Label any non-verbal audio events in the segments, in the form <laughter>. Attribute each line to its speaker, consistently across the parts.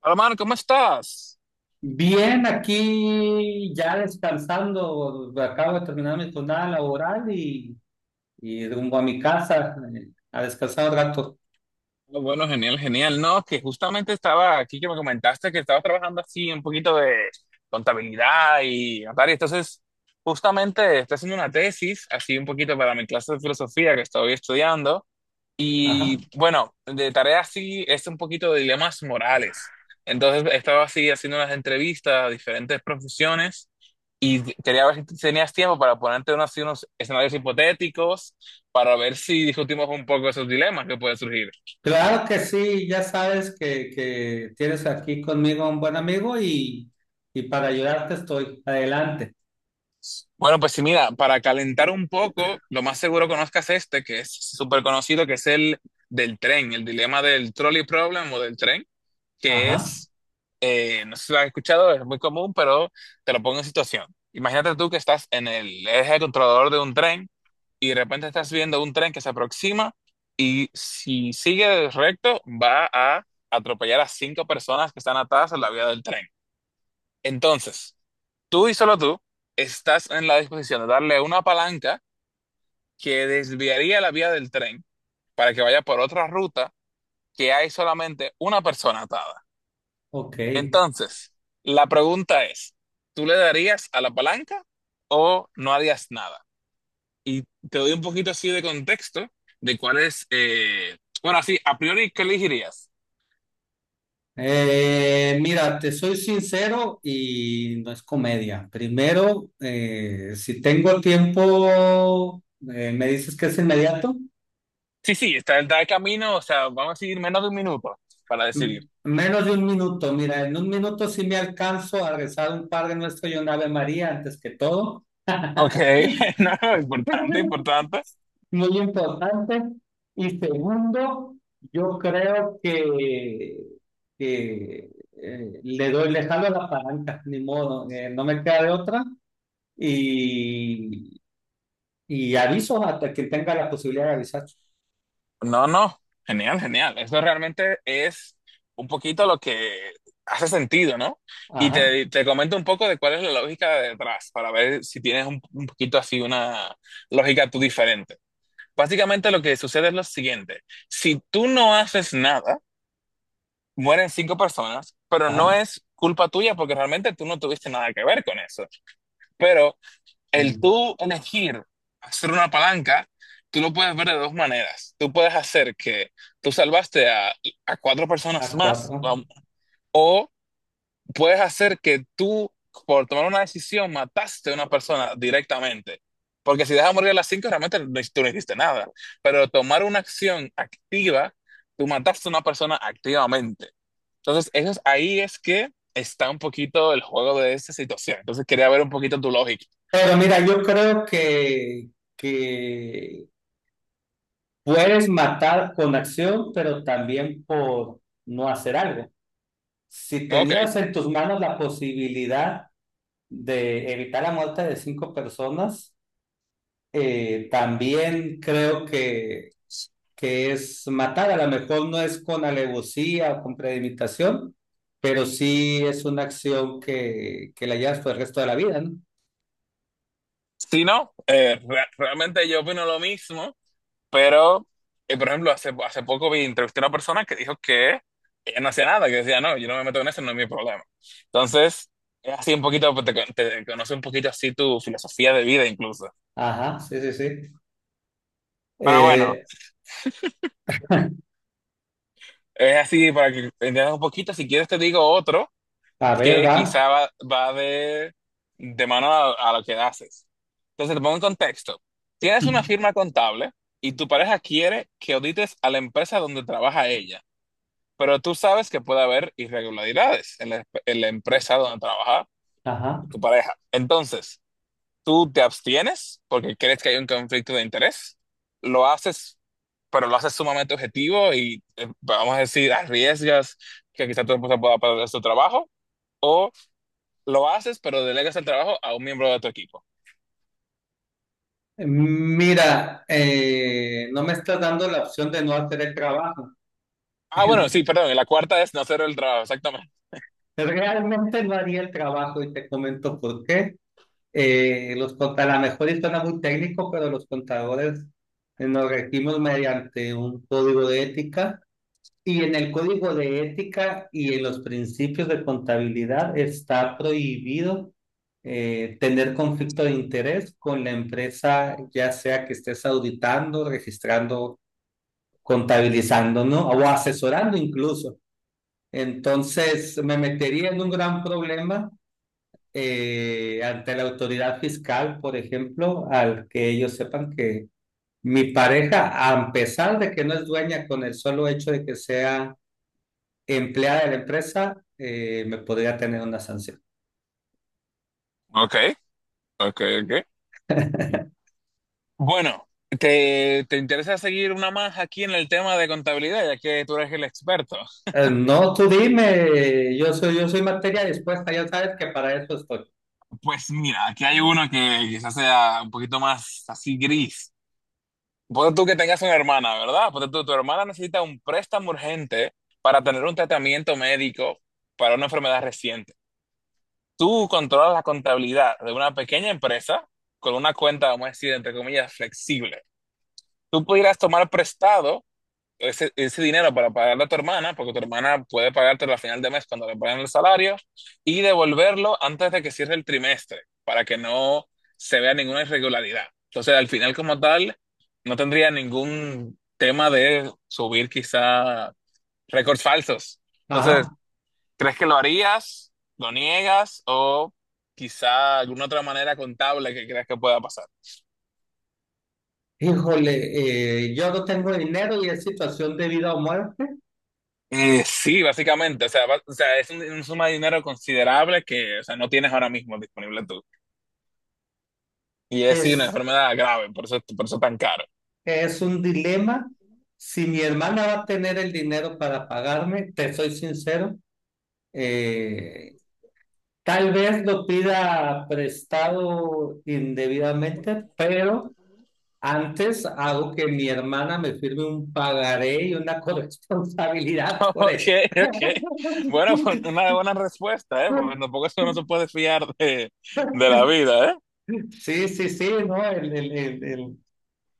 Speaker 1: Hola, Mar, ¿cómo estás?
Speaker 2: Bien, aquí ya descansando, acabo de terminar mi jornada laboral y rumbo a mi casa a descansar un rato.
Speaker 1: Ah, bueno, genial, genial. No, que justamente estaba aquí que me comentaste que estabas trabajando así un poquito de contabilidad y tal. Y entonces, justamente estoy haciendo una tesis, así un poquito para mi clase de filosofía que estoy estudiando.
Speaker 2: Ajá.
Speaker 1: Y bueno, de tarea sí es un poquito de dilemas morales. Entonces estaba así haciendo unas entrevistas a diferentes profesiones y quería ver si tenías tiempo para ponerte unos, así unos escenarios hipotéticos para ver si discutimos un poco esos dilemas que pueden surgir.
Speaker 2: Claro que sí, ya sabes que tienes aquí conmigo a un buen amigo y para ayudarte estoy. Adelante.
Speaker 1: Bueno, pues sí, mira, para calentar un poco, lo más seguro conozcas este, que es súper conocido, que es el del tren, el dilema del trolley problem o del tren. Que
Speaker 2: Ajá,
Speaker 1: es, no sé si lo has escuchado, es muy común, pero te lo pongo en situación. Imagínate tú que estás en el eje controlador de un tren y de repente estás viendo un tren que se aproxima y si sigue recto va a atropellar a cinco personas que están atadas a la vía del tren. Entonces, tú y solo tú estás en la disposición de darle una palanca que desviaría la vía del tren para que vaya por otra ruta que hay solamente una persona atada.
Speaker 2: ok.
Speaker 1: Entonces, la pregunta es, ¿tú le darías a la palanca o no harías nada? Y te doy un poquito así de contexto de cuál es, bueno, así, a priori, ¿qué elegirías?
Speaker 2: Mira, te soy sincero y no es comedia. Primero, si tengo tiempo, ¿me dices que es inmediato?
Speaker 1: Sí, sí, está el camino, o sea, vamos a seguir menos de un minuto para decidir.
Speaker 2: Menos de un minuto, mira, en un minuto sí me alcanzo a rezar un Padre Nuestro y un Ave María antes que todo.
Speaker 1: Ok,
Speaker 2: <laughs>
Speaker 1: <laughs> no, importante, importante.
Speaker 2: Muy importante. Y segundo, yo creo que, le doy, le jalo la palanca, ni modo, no me queda de otra. Y, y aviso a quien tenga la posibilidad de avisar.
Speaker 1: No, no, genial, genial. Eso realmente es un poquito lo que hace sentido, ¿no? Y
Speaker 2: Ajá,
Speaker 1: te comento un poco de cuál es la lógica de detrás, para ver si tienes un poquito así una lógica tú diferente. Básicamente lo que sucede es lo siguiente. Si tú no haces nada, mueren cinco personas, pero no
Speaker 2: ajá,
Speaker 1: es culpa tuya porque realmente tú no tuviste nada que ver con eso. Pero el
Speaker 2: mm,
Speaker 1: tú elegir hacer una palanca, tú lo puedes ver de dos maneras. Tú puedes hacer que tú salvaste a cuatro personas
Speaker 2: a
Speaker 1: más,
Speaker 2: cuatro.
Speaker 1: vamos, o puedes hacer que tú, por tomar una decisión, mataste a una persona directamente. Porque si dejas morir a las cinco, realmente no, tú no hiciste nada. Pero tomar una acción activa, tú mataste a una persona activamente. Entonces, ahí es que está un poquito el juego de esta situación. Entonces, quería ver un poquito tu lógica.
Speaker 2: Pero mira, yo creo que puedes matar con acción, pero también por no hacer algo. Si
Speaker 1: Ok.
Speaker 2: tenías en tus manos la posibilidad de evitar la muerte de cinco personas, también creo que es matar. A lo mejor no es con alevosía o con premeditación, pero sí es una acción que la llevas por el resto de la vida, ¿no?
Speaker 1: Sí, no, realmente yo opino lo mismo, pero, por ejemplo, hace poco entrevisté a una persona que dijo que ella no hacía nada, que decía, no, yo no me meto en eso, no es mi problema. Entonces, es así un poquito, pues, te conoce un poquito así tu filosofía de vida incluso.
Speaker 2: Ajá, sí, sí, sí.
Speaker 1: Pero bueno,
Speaker 2: Eh,
Speaker 1: es así para que entiendas un poquito, si quieres te digo otro,
Speaker 2: a ver,
Speaker 1: que
Speaker 2: va.
Speaker 1: quizá va de mano a lo que haces. Entonces, te pongo en contexto. Tienes una firma contable y tu pareja quiere que audites a la empresa donde trabaja ella, pero tú sabes que puede haber irregularidades en la empresa donde trabaja
Speaker 2: Ajá.
Speaker 1: tu pareja. Entonces, tú te abstienes porque crees que hay un conflicto de interés, lo haces, pero lo haces sumamente objetivo y, vamos a decir, arriesgas que quizá tu esposa pueda perder su trabajo o lo haces, pero delegas el trabajo a un miembro de tu equipo.
Speaker 2: Mira, no me está dando la opción de no hacer el trabajo.
Speaker 1: Ah, bueno,
Speaker 2: <laughs>
Speaker 1: sí, perdón, y la cuarta es no hacer el trabajo, exactamente.
Speaker 2: Realmente no haría el trabajo y te comento por qué. A lo mejor y suena muy técnico, pero los contadores nos regimos mediante un código de ética, y en el código de ética y en los principios de contabilidad está prohibido tener conflicto de interés con la empresa, ya sea que estés auditando, registrando, contabilizándonos o asesorando incluso. Entonces me metería en un gran problema ante la autoridad fiscal, por ejemplo, al que ellos sepan que mi pareja, a pesar de que no es dueña, con el solo hecho de que sea empleada de la empresa, me podría tener una sanción.
Speaker 1: Ok, ok, ok. Bueno, ¿te interesa seguir una más aquí en el tema de contabilidad, ya que tú eres el experto?
Speaker 2: No, tú dime, yo soy materia dispuesta, ya sabes que para eso estoy.
Speaker 1: Pues mira, aquí hay uno que quizás sea un poquito más así gris. Ponte tú que tengas una hermana, ¿verdad? Ponte tú, tu hermana necesita un préstamo urgente para tener un tratamiento médico para una enfermedad reciente. Tú controlas la contabilidad de una pequeña empresa con una cuenta, vamos a decir, entre comillas, flexible. Tú pudieras tomar prestado ese dinero para pagarle a tu hermana, porque tu hermana puede pagártelo al final de mes cuando le paguen el salario, y devolverlo antes de que cierre el trimestre, para que no se vea ninguna irregularidad. Entonces, al final, como tal, no tendría ningún tema de subir quizá récords falsos. Entonces,
Speaker 2: Ajá.
Speaker 1: ¿crees que lo harías? ¿Lo niegas? ¿O quizá alguna otra manera contable que creas que pueda pasar?
Speaker 2: Híjole, yo no tengo dinero y es situación de vida o muerte.
Speaker 1: Sí, básicamente. O sea, o sea, es una suma de dinero considerable que, o sea, no tienes ahora mismo disponible tú. Y es sí, una
Speaker 2: Es,
Speaker 1: enfermedad grave, por eso tan caro.
Speaker 2: es un dilema. Si mi hermana va a tener el dinero para pagarme, te soy sincero, eh, tal vez lo pida prestado indebidamente, pero antes hago que mi hermana me firme un pagaré y una <laughs>
Speaker 1: <laughs>
Speaker 2: corresponsabilidad por eso.
Speaker 1: Ok, ok.
Speaker 2: <laughs>
Speaker 1: Bueno, pues una buena respuesta, ¿eh? Porque tampoco eso no se puede fiar de la vida, ¿eh?
Speaker 2: Sí, sí, sí, ¿no? El, el- el- el-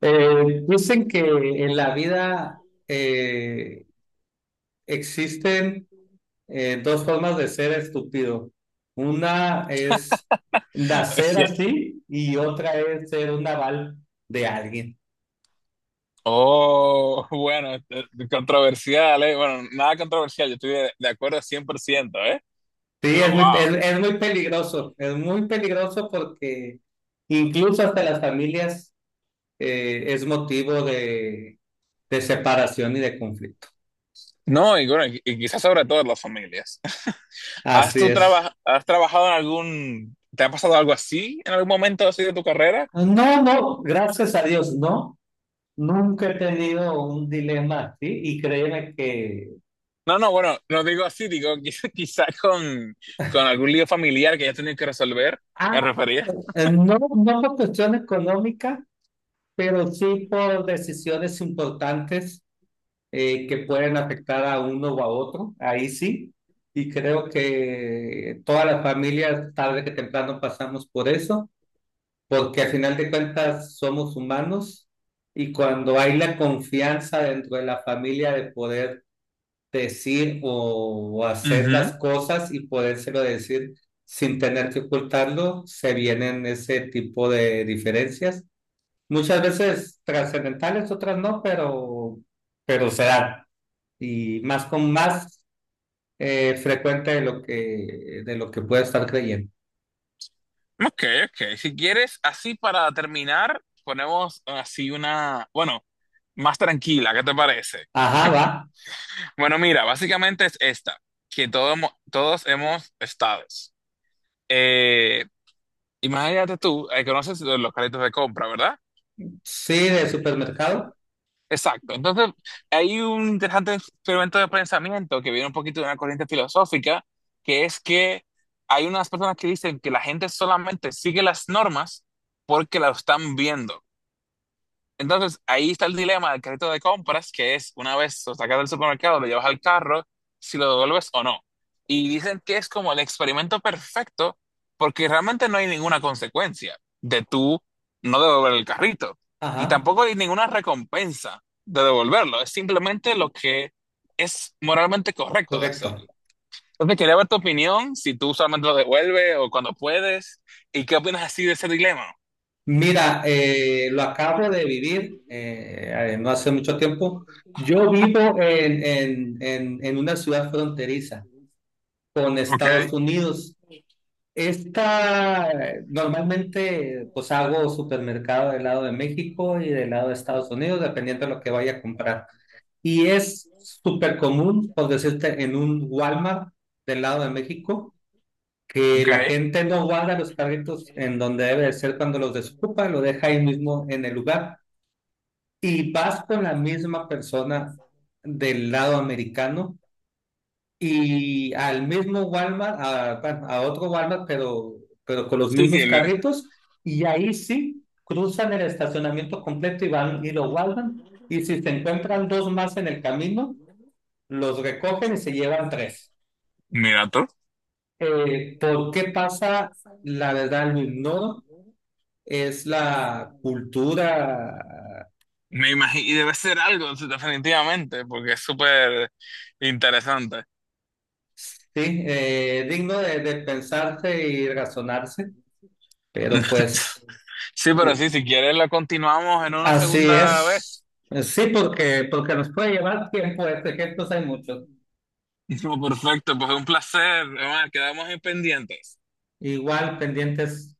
Speaker 2: eh, Dicen que en la vida eh, existen dos formas de ser estúpido. Una es nacer
Speaker 1: Ok.
Speaker 2: así y otra es ser un naval de alguien.
Speaker 1: Oh, bueno, controversial, ¿eh? Bueno, nada controversial, yo estoy de acuerdo 100%, ¿eh?
Speaker 2: Sí,
Speaker 1: Pero wow.
Speaker 2: es muy peligroso porque incluso hasta las familias es motivo de separación y de conflicto.
Speaker 1: No, y, bueno, y quizás sobre todo en las familias. ¿Has
Speaker 2: Así
Speaker 1: tú
Speaker 2: es.
Speaker 1: traba- has trabajado en algún, te ha pasado algo así en algún momento así de tu carrera?
Speaker 2: No, no, gracias a Dios, no. Nunca he tenido un dilema así y créeme que...
Speaker 1: No, no, bueno, no digo así, digo <laughs> quizás con, con algún lío familiar que ya tenido que resolver,
Speaker 2: Ah,
Speaker 1: me refería.
Speaker 2: no, no por cuestión económica, pero sí por decisiones importantes que pueden afectar a uno o a otro, ahí sí. Y creo que todas las familias tarde que temprano pasamos por eso, porque al final de cuentas somos humanos, y cuando hay la confianza dentro de la familia de poder decir o hacer
Speaker 1: Ujú.
Speaker 2: las cosas y podérselo decir sin tener que ocultarlo, se vienen ese tipo de diferencias. Muchas veces trascendentales, otras no, pero se dan. Y más, con más frecuente de lo que puede estar creyendo.
Speaker 1: Ok, ok. Si quieres, así para terminar, ponemos así una, bueno, más tranquila, ¿qué te parece?
Speaker 2: Ajá, va.
Speaker 1: Bueno, mira, básicamente es esta, que todos hemos estado. Eh, Imagínate tú, conoces los localitos de compra, ¿verdad?
Speaker 2: Sí, de supermercado.
Speaker 1: Exacto. Entonces, hay un interesante experimento de pensamiento que viene un poquito de una corriente filosófica, que es que hay unas personas que dicen que la gente solamente sigue las normas porque las están viendo. Entonces, ahí está el dilema del carrito de compras, que es una vez lo sacas del supermercado, lo llevas al carro, si lo devuelves o no. Y dicen que es como el experimento perfecto, porque realmente no hay ninguna consecuencia de tú no devolver el carrito. Y
Speaker 2: Ajá,
Speaker 1: tampoco hay ninguna recompensa de devolverlo. Es simplemente lo que es moralmente correcto de hacer.
Speaker 2: correcto.
Speaker 1: Entonces, quería ver tu opinión, si tú solamente lo devuelves o cuando puedes, y qué opinas así de ese dilema.
Speaker 2: Mira, lo acabo de vivir no hace mucho tiempo. Yo vivo en una ciudad fronteriza con
Speaker 1: Ok,
Speaker 2: Estados Unidos. Esta, normalmente, pues hago supermercado del lado de México y del lado de Estados Unidos, dependiendo de lo que vaya a comprar. Y es súper común, por decirte, en un Walmart del lado de México, que la
Speaker 1: ok.
Speaker 2: gente no guarda los carritos en donde debe de ser cuando los desocupa, lo deja ahí mismo en el lugar. Y vas con la misma persona del lado americano y al mismo Walmart, a, bueno, a otro Walmart, pero con los
Speaker 1: Sí,
Speaker 2: mismos
Speaker 1: sí,
Speaker 2: carritos, y ahí sí cruzan el estacionamiento completo y van y lo guardan, y si se encuentran dos más en el camino, los recogen y se llevan tres.
Speaker 1: mira tú.
Speaker 2: ¿Por qué pasa? La verdad lo ignoro, es la cultura,
Speaker 1: Me imagino, y debe ser algo, sí, definitivamente, porque es súper interesante.
Speaker 2: sí, digno de pensarse y razonarse, pero
Speaker 1: <laughs>
Speaker 2: pues...
Speaker 1: Sí, pero
Speaker 2: eh,
Speaker 1: sí, si quieres la continuamos en una
Speaker 2: Así
Speaker 1: segunda
Speaker 2: es.
Speaker 1: vez.
Speaker 2: Sí, porque, porque nos puede llevar tiempo, este, ejemplos hay muchos.
Speaker 1: <laughs> Perfecto, pues fue un placer. Además, quedamos en pendientes.
Speaker 2: Igual pendientes.